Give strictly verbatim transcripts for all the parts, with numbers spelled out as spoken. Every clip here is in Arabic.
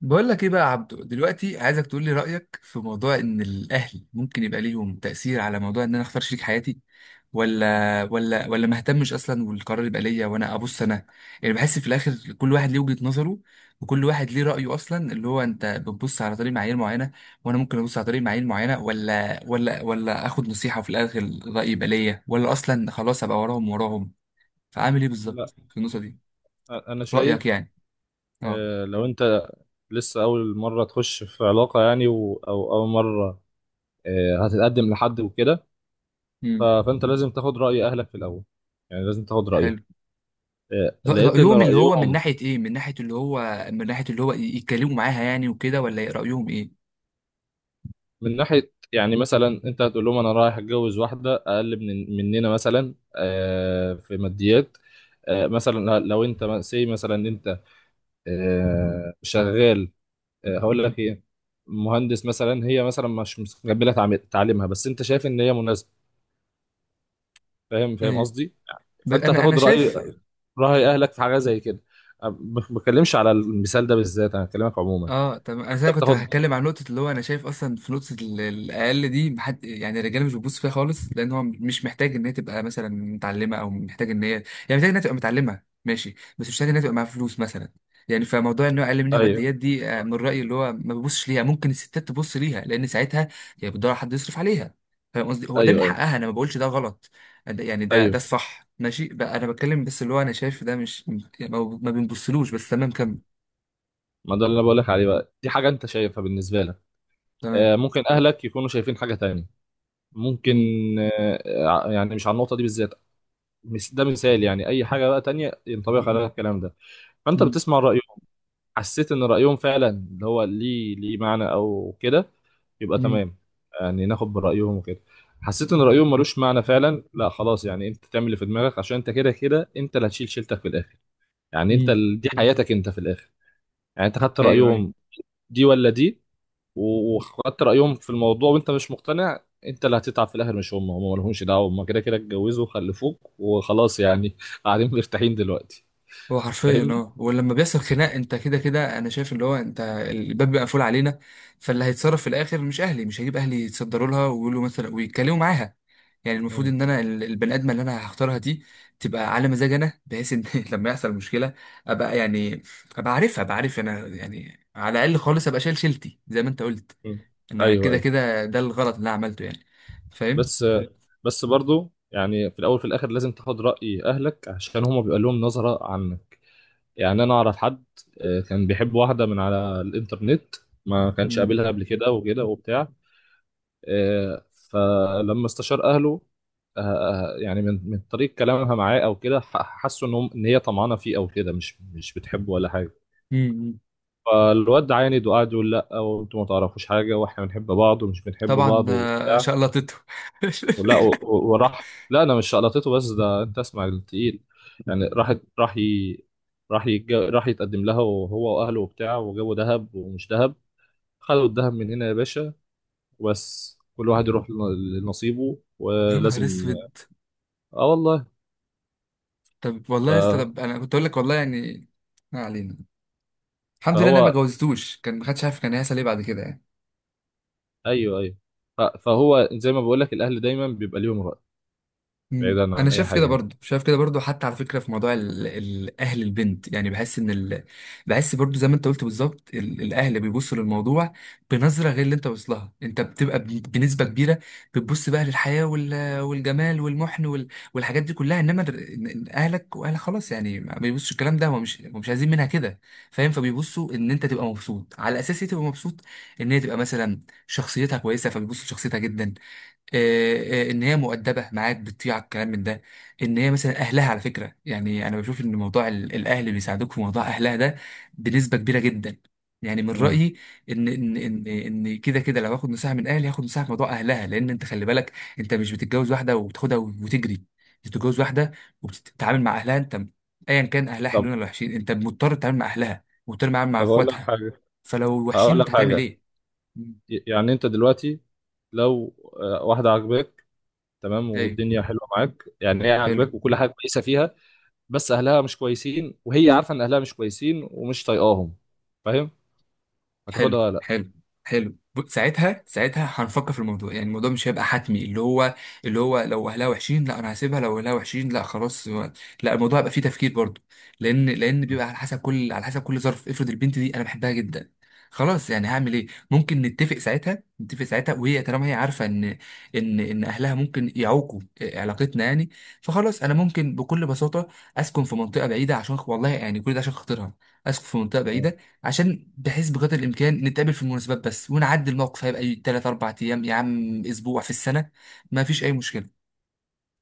بقول لك ايه بقى يا عبدو. دلوقتي عايزك تقول لي رأيك في موضوع ان الاهل ممكن يبقى ليهم تأثير على موضوع ان انا اختار شريك حياتي، ولا ولا ولا ما اهتمش اصلا والقرار يبقى ليا وانا ابص انا يعني بحس في الاخر كل واحد ليه وجهة نظره وكل واحد ليه رأيه اصلا. اللي هو انت بتبص على طريق معايير معينة وانا ممكن ابص على طريق معايير معينة، ولا ولا ولا اخد نصيحة وفي الاخر الرأي يبقى ليا، ولا اصلا خلاص ابقى وراهم وراهم. فعامل ايه لا. بالظبط في النقطة دي؟ انا رأيك شايف. يعني. اه. آه، لو انت لسه اول مره تخش في علاقه يعني و- او اول مره آه، هتتقدم لحد وكده. ف- امم. فانت لازم تاخد راي اهلك في الاول، يعني لازم تاخد رايه. حلو. آه، رأ- لقيت ان رأيهم اللي هو من رايهم ناحية ايه؟ من ناحية اللي هو، من ناحية اللي هو يتكلموا معاها يعني وكده، ولا رأيهم ايه؟ من ناحيه، يعني مثلا انت هتقول لهم انا رايح اتجوز واحده اقل من مننا، مثلا آه، في ماديات. آه، مثلا لو انت سي، مثلا انت آه، شغال. آه، هقول لك ايه، مهندس مثلا، هي مثلا مش مستقبله تعم- تعليمها، بس انت شايف ان هي مناسبه. فاهم، فاهم ايوه. قصدي. ب- فانت انا انا هتاخد راي شايف. راي اهلك في حاجه زي كده. أنا ما بتكلمش على المثال ده بالذات، انا بكلمك عموما. اه طب انت انا كنت بتاخد. هتكلم عن نقطه اللي هو انا شايف اصلا في نقطه ال- الاقل دي محد يعني، الرجاله مش بتبص فيها خالص لان هو مش محتاج ان هي تبقى مثلا متعلمه، او محتاج ان هي يعني محتاج انها تبقى متعلمه ماشي، بس مش محتاج انها تبقى معاها فلوس مثلا يعني. فموضوع ان هو اقل منها ايوه، ماديات دي، آه، من رايي اللي هو ما ببصش ليها. ممكن الستات تبص ليها لان ساعتها هي بتدور على حد يصرف عليها. فاهم قصدي؟ هو ده من ايوه، ايوه، حقها، انا ما بقولش ده غلط. ده- يعني ده ده ايوه. الصح. ماشي بقى انا بتكلم بس اللي هو انا شايف ده مش يعني ما ما بنبصلوش. بس تمام كمل. ما ده اللي انا بقول لك عليه بقى، دي حاجه انت شايفها بالنسبه لك. تمام. آه، ممكن اهلك يكونوا شايفين حاجه تانية. ممكن. آه، آه، يعني مش على النقطه دي بالذات. مس- ده مثال، يعني اي حاجه بقى تانية ينطبق عليها الكلام ده. فانت مم. بتسمع رايهم. حسيت ان رايهم فعلا اللي هو ليه ليه معنى او كده، يبقى مم. تمام، يعني ناخد برايهم وكده. حسيت ان رايهم ملوش معنى فعلا، لا خلاص، يعني انت تعمل اللي في دماغك عشان انت كده كده انت اللي هتشيل شيلتك في الاخر. يعني انت مم. ال- دي حياتك انت في الاخر. يعني انت خدت ايوه ايوه. رايهم دي ولا دي، و- وخدت رايهم في الموضوع وانت مش مقتنع، انت اللي هتتعب في الاخر مش هم، هم مالهمش دعوه، هم كده كده اتجوزوا وخلفوك وخلاص، يعني قاعدين مرتاحين دلوقتي. هو حرفيا فاهمني؟ اه، ولما بيحصل خناق انت كده كده انا شايف اللي هو انت الباب بيبقى مقفول علينا. فاللي هيتصرف في الاخر مش اهلي، مش هجيب اهلي يتصدروا لها ويقولوا مثلا ويتكلموا معاها. يعني المفروض مم. ان انا ال- البني ادمه اللي انا هختارها دي تبقى على مزاج انا، بحيث ان لما يحصل مشكله ابقى يعني ابقى عارفها، ابقى عارف انا يعني. على الاقل خالص ابقى شايل شيلتي زي ما انت قلت. مم. انا ايوه، كده ايوه. كده ده الغلط اللي انا عملته يعني. فاهم. بس بس برضو، يعني في الاول في الاخر لازم تاخد راي اهلك عشان هما بيبقى لهم نظره عنك. يعني انا اعرف حد، آه، كان بيحب واحده من على الانترنت، ما كانش مم. قابلها قبل كده وكده وبتاع. آه، فلما استشار اهله، آه، آه، يعني من من طريق كلامها معاه او كده، ح- حسوا ان هم- ان هي طمعانه فيه او كده، مش مش بتحبه ولا حاجه. مم. فالواد عاند وقعد يقول لا، وانتوا ما تعرفوش حاجه، واحنا بنحب بعض ومش بنحب طبعا. بعض آه، وبتاع. شقلطته. ولا و- و- وراح لا انا مش شقلطته، بس ده انت اسمع التقيل. يعني راح راح ي... راح يتج... راح يتقدم لها وهو واهله وبتاع، وجابوا دهب ومش دهب، خدوا الدهب من هنا يا باشا، وبس كل واحد يروح لن- لنصيبه يا ولازم. نهار اسود. اه والله. طب ف... والله يا اسطى، طب انا كنت اقول لك والله يعني. ما علينا. الحمد لله انا ما فهو جوزتوش، كان ما حدش عارف كان هيحصل ايه بعد كده يعني. ايوه، ايوه. ف... فهو زي ما بقول لك الاهل دايما بيبقى ليهم رأي، مم. بعيدا انا عن اي شايف كده حاجه يعني. برضو، شايف كده برضو. حتى على فكره في موضوع ال- ال- اهل البنت يعني بحس ان ال... بحس برضو زي ما انت قلت بالظبط، ال- الاهل بيبصوا للموضوع بنظره غير اللي انت واصلها. انت بتبقى ب- بنسبه كبيره بتبص بقى للحياه وال... والجمال والمحن وال... والحاجات دي كلها، انما در... إن- إن اهلك واهلك خلاص يعني ما بيبصوا الكلام ده، هو مش، هو مش عايزين منها كده. فاهم؟ فبيبصوا ان انت تبقى مبسوط. على اساس ايه تبقى مبسوط؟ ان هي تبقى مثلا شخصيتها كويسه، فبيبصوا لشخصيتها جدا. آه، آه، ان هي مؤدبه معاك، بتطيع الكلام من ده. ان هي مثلا اهلها، على فكره يعني انا بشوف ان موضوع ال- الاهل اللي بيساعدوك في موضوع اهلها ده بنسبه كبيره جدا، يعني من مم. رايي. ان ان ان ان كده كده لو هاخد نصيحه من اهلي هاخد نصيحه في موضوع اهلها. لان انت خلي بالك انت مش بتتجوز واحده وبتاخدها وتجري انت، بتتجوز واحده وبتتعامل مع اهلها انت. ايا كان اهلها طب حلوين ولا وحشين، انت مضطر تتعامل مع اهلها، مضطر تتعامل مع طب اقول لك اخواتها. حاجه، فلو وحشين هقول لك انت هتعمل حاجه. ايه؟ مم. يعني انت دلوقتي لو آه، واحده عاجباك، تمام، ايوه. والدنيا حلوه معاك، يعني هي حلو عاجباك وكل حاجه كويسه فيها، بس اهلها مش كويسين، وهي عارفه ان اهلها مش كويسين ومش طايقاهم، فاهم، حلو هتاخدها ولا لا؟ حلو حلو ب- ساعتها ساعتها هنفكر في الموضوع. يعني الموضوع مش هيبقى حتمي اللي هو، اللي هو لو اهلها وحشين لا انا هسيبها، لو اهلها وحشين لا خلاص. هو- لا الموضوع هيبقى فيه تفكير برضه، لان لان مم. بيبقى على حسب كل، على حسب كل ظرف. افرض البنت دي انا بحبها جدا، خلاص يعني هعمل ايه؟ ممكن نتفق ساعتها، نتفق ساعتها وهي طالما هي عارفه ان ان ان اهلها ممكن يعوقوا آه، علاقتنا يعني، فخلاص انا ممكن بكل بساطه اسكن في منطقه بعيده. عشان والله يعني كل ده عشان خاطرها، اسكن في منطقه مم. بعيده عشان بحيث بقدر الامكان نتقابل في المناسبات بس ونعدي. الموقف هيبقى ثلاثة اربعة ايام يا عم، اسبوع في السنه، ما فيش اي مشكله.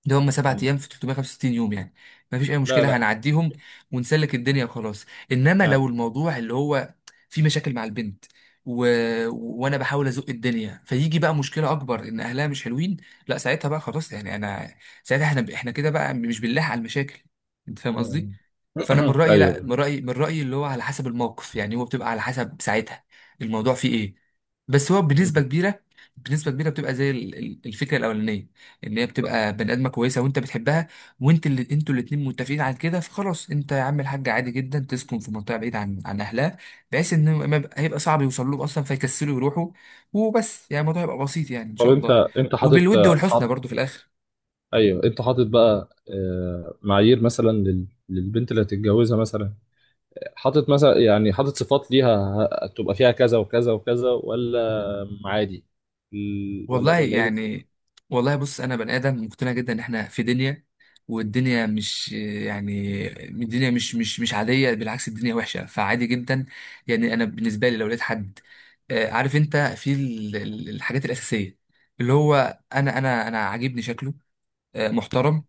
ده هم سبعة مم. ايام في تلتمية وخمسة وستين يوم يعني، مفيش اي لا، مشكله لا، هنعديهم ونسلك الدنيا وخلاص. انما يعني. لو الموضوع اللي هو في مشاكل مع البنت و... وانا بحاول ازق الدنيا، فيجي بقى مشكله اكبر ان اهلها مش حلوين. لا ساعتها بقى خلاص يعني انا، ساعتها احنا احنا كده بقى مش بنلاحق على المشاكل. انت فاهم قصدي؟ مم. فانا من رايي لا، ايوه. من رايي من رايي اللي هو على حسب الموقف. يعني هو بتبقى على حسب ساعتها الموضوع فيه ايه. بس هو بنسبه مم. كبيره، بنسبه كبيره بتبقى زي ال- ال- الفكره الاولانيه اللي هي بتبقى بني ادمه كويسه وانت بتحبها وانت اللي انتوا الاتنين متفقين على كده. فخلاص انت يا عم الحاج عادي جدا تسكن في منطقه بعيده عن عن اهلها، بحيث ان ما يبقى- هيبقى صعب يوصل لهم اصلا فيكسلوا يروحوا وبس. يعني الموضوع هيبقى بسيط يعني ان طب شاء انت الله، انت حاطط وبالود والحسنى حاط برضو في الاخر. ايوه، انت حاطط بقى آه، معايير مثلا لل- للبنت اللي هتتجوزها مثلا، حاطط مثلا، يعني حاطط صفات ليها، ه- تبقى فيها كذا وكذا وكذا ولا عادي، ال- ولا والله ولا ايه يعني، بالظبط؟ والله بص انا بني ادم مقتنع جدا ان احنا في دنيا، والدنيا مش يعني الدنيا مش مش مش عاديه، بالعكس الدنيا وحشه. فعادي جدا يعني انا بالنسبه لي لو لقيت حد آه، عارف انت في ال- ال- الحاجات الاساسيه اللي هو انا انا انا عاجبني شكله، آه، محترم،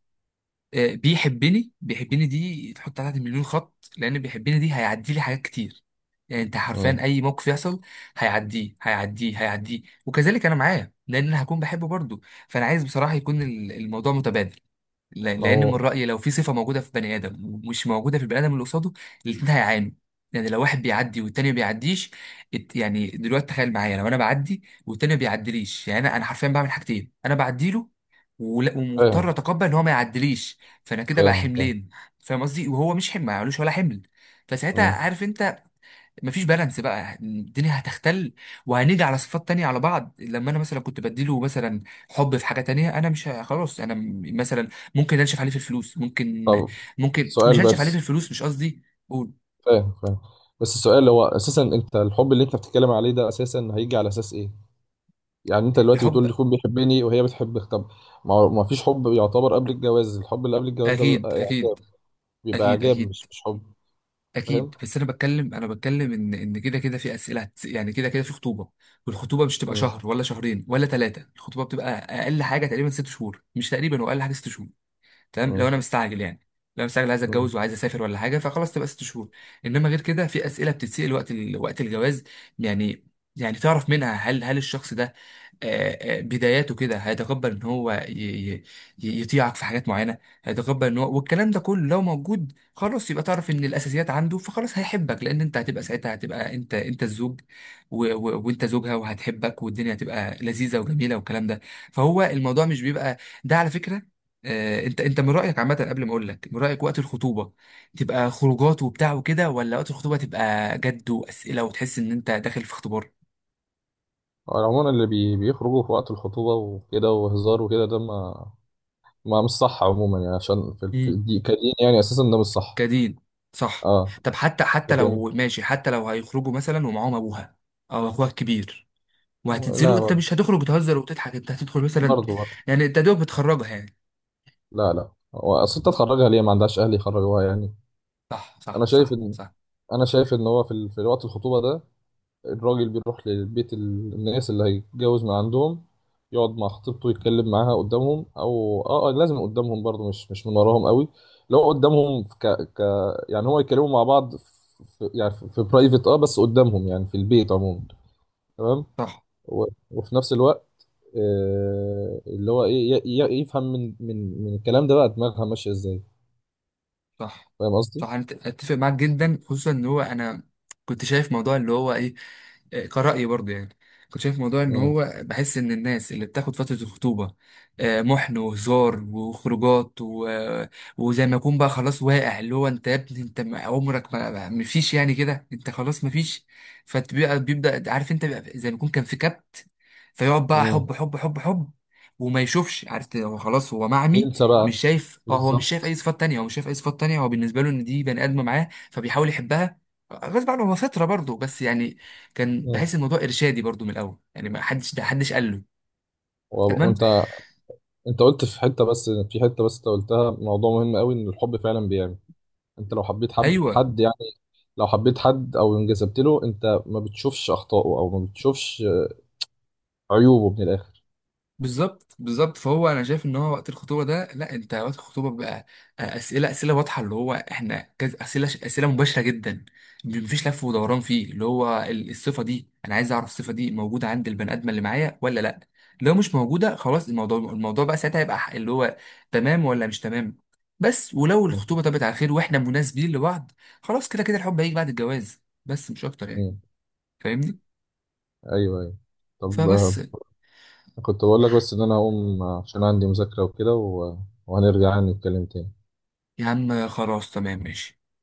آه، بيحبني بيحبني دي تحط عليها مليون خط، لان بيحبني دي هيعدي لي حاجات كتير. يعني انت حرفيا مم. اي موقف يحصل هيعديه هيعديه هيعديه، وكذلك انا معاه لان انا هكون بحبه برضه. فانا عايز بصراحه يكون ال- الموضوع متبادل. ل- ما لان من هو، رايي لو في صفه موجوده في بني ادم ومش موجوده في البني ادم اللي قصاده، الاثنين هيعانوا. يعني لو واحد بيعدي والتاني ما بيعديش، الت- يعني دلوقتي تخيل معايا لو انا بعدي والتاني ما بيعديليش، يعني انا انا حرفيا بعمل حاجتين، انا بعدي له ولا- ومضطر فاهم، اتقبل ان هو ما يعديليش. فانا كده بقى فاهم، فاهم. حملين. فاهم قصدي؟ وهو مش حمل، ما يعملوش ولا حمل. فساعتها مم. عارف انت مفيش بالانس بقى، الدنيا هتختل. وهنيجي على صفات تانية على بعض، لما انا مثلا كنت بديله مثلا حب في حاجة تانية، انا مش ه- خلاص انا م- مثلا ممكن انشف عليه في الفلوس ممكن، طب ممكن مش سؤال انشف عليه في بس، الفلوس، مش قصدي. قول. فاهم، فاهم. بس السؤال هو اساسا انت الحب اللي انت بتتكلم عليه ده اساسا هيجي على اساس ايه؟ يعني انت دلوقتي بتقول الحب. لي يكون بيحبني وهي بتحبك، طب ما هو- ما فيش حب يعتبر قبل الجواز، الحب اللي قبل الجواز ده بيبقى اكيد اعجاب، اكيد. بيبقى اكيد اعجاب، اكيد مش مش حب. فاهم؟ اكيد بس انا بتكلم، انا بتكلم ان ان كده كده في اسئله هتس- يعني كده كده في خطوبه، والخطوبه مش تبقى امم. شهر ولا شهرين ولا ثلاثه. الخطوبه بتبقى اقل حاجه تقريبا ست شهور. مش تقريبا، واقل حاجه ست شهور. تمام لو امم. انا مستعجل يعني، لو انا مستعجل عايز امم. اتجوز وعايز اسافر ولا حاجه فخلاص تبقى ست شهور. انما غير كده في اسئله بتتسال وقت ال... وقت الجواز يعني، يعني تعرف منها هل، هل الشخص ده آه، آه، بداياته كده هيتقبل ان هو ي- ي- ي- يطيعك في حاجات معينه. هيتقبل ان هو، والكلام ده كله لو موجود خلاص يبقى تعرف ان الاساسيات عنده، فخلاص هيحبك. لان انت هتبقى ساعتها هتبقى انت، انت الزوج و... و... وانت زوجها وهتحبك، والدنيا هتبقى لذيذه وجميله والكلام ده. فهو الموضوع مش بيبقى ده، على فكره آه، انت انت من رايك عامه قبل ما اقول لك من رايك، وقت الخطوبه تبقى خروجات وبتاع وكده، ولا وقت الخطوبه تبقى جد واسئله وتحس ان انت داخل في اختبار؟ عموما اللي بي بيخرجوا في وقت الخطوبة وكده وهزار وكده ده، ما ما مش صح، عموما يعني عشان في, مم. في دي كدين، يعني اساسا ده مش صح. كدين. صح. اه. طب حتى، حتى لكن. لو ماشي، حتى لو هيخرجوا مثلا ومعاهم ابوها او اخوها الكبير وهتنزلوا، انت لا، مش هتخرج بتهزر وتضحك، انت هتدخل مثلا. برضه، برضه. يعني انت دوب بتخرجها يعني. لا، لا، هو اصل انت تخرجها ليه؟ ما عندهاش اهل يخرجوها يعني؟ صح انا صح شايف صح ان صح انا شايف ان هو في ال- في وقت الخطوبه ده الراجل بيروح لبيت ال- الناس اللي هيتجوز من عندهم، يقعد مع خطيبته يتكلم معاها قدامهم، او اه آه، لازم قدامهم برضه، مش مش من وراهم قوي. لو قدامهم في ك ك يعني هو يتكلموا مع بعض في في- يعني في برايفت، اه، بس قدامهم يعني، في البيت عموما، تمام. صح و- وفي نفس الوقت آه، اللي هو ايه ي- ي- يفهم من من من الكلام ده بقى دماغها ماشيه ازاي، صح فاهم قصدي؟ صح انا أت- اتفق معاك جدا، خصوصا ان هو انا كنت شايف موضوع اللي هو ايه، كرأيي برضه يعني. كنت شايف موضوع ان امم. هو بحس ان الناس اللي بتاخد فترة الخطوبة آه، محن وهزار وخروجات و... وزي ما يكون بقى خلاص واقع اللي هو، انت يا ابني انت ما- عمرك ما ما- مفيش يعني، كده انت خلاص مفيش. فبيبقى بيبدأ عارف انت، بيبقى زي ما يكون كان في كبت، فيقعد بقى امم. حب حب حب حب وما يشوفش. عارف هو خلاص هو معمي، ينسى مش بقى. شايف. اه هو مش شايف بالظبط. اي صفات تانية، هو مش شايف اي صفات تانية. هو بالنسبة له ان دي بني ادمة معاه فبيحاول يحبها غصب عنه، هو فطرة برضه بس يعني. كان امم. بحس الموضوع ارشادي برضو من الاول يعني، ما حدش، ده حدش قال له. و- تمام. وانت انت قلت في حته بس في حته بس انت قلتها موضوع مهم قوي، ان الحب فعلا بيعمي. انت لو حبيت حب ايوه. حد، يعني لو حبيت حد او انجذبت له انت ما بتشوفش اخطائه او ما بتشوفش عيوبه من الاخر. بالظبط بالظبط. فهو انا شايف ان هو وقت الخطوبه ده لا، انت وقت الخطوبه بقى آه، اسئله اسئله واضحه اللي هو احنا كذا، اسئله اسئله مباشره جدا، مفيش لف ودوران. فيه اللي هو ال- الصفه دي انا عايز اعرف الصفه دي موجوده عند البني ادم اللي معايا ولا لا؟ لو مش موجوده خلاص الموضوع، الموضوع بقى ساعتها يبقى ح- اللي هو تمام ولا مش تمام. بس ولو امم. الخطوبه طابت على خير واحنا مناسبين لبعض، خلاص كده كده الحب هيجي بعد الجواز بس، مش اكتر يعني. امم. فاهمني؟ ايوه، ايوه. طب فبس. كنت بقول لك، بس ان انا هقوم عشان عندي مذاكرة وكده، و... وهنرجع يعني نتكلم تاني. يا عم خلاص تمام ماشي.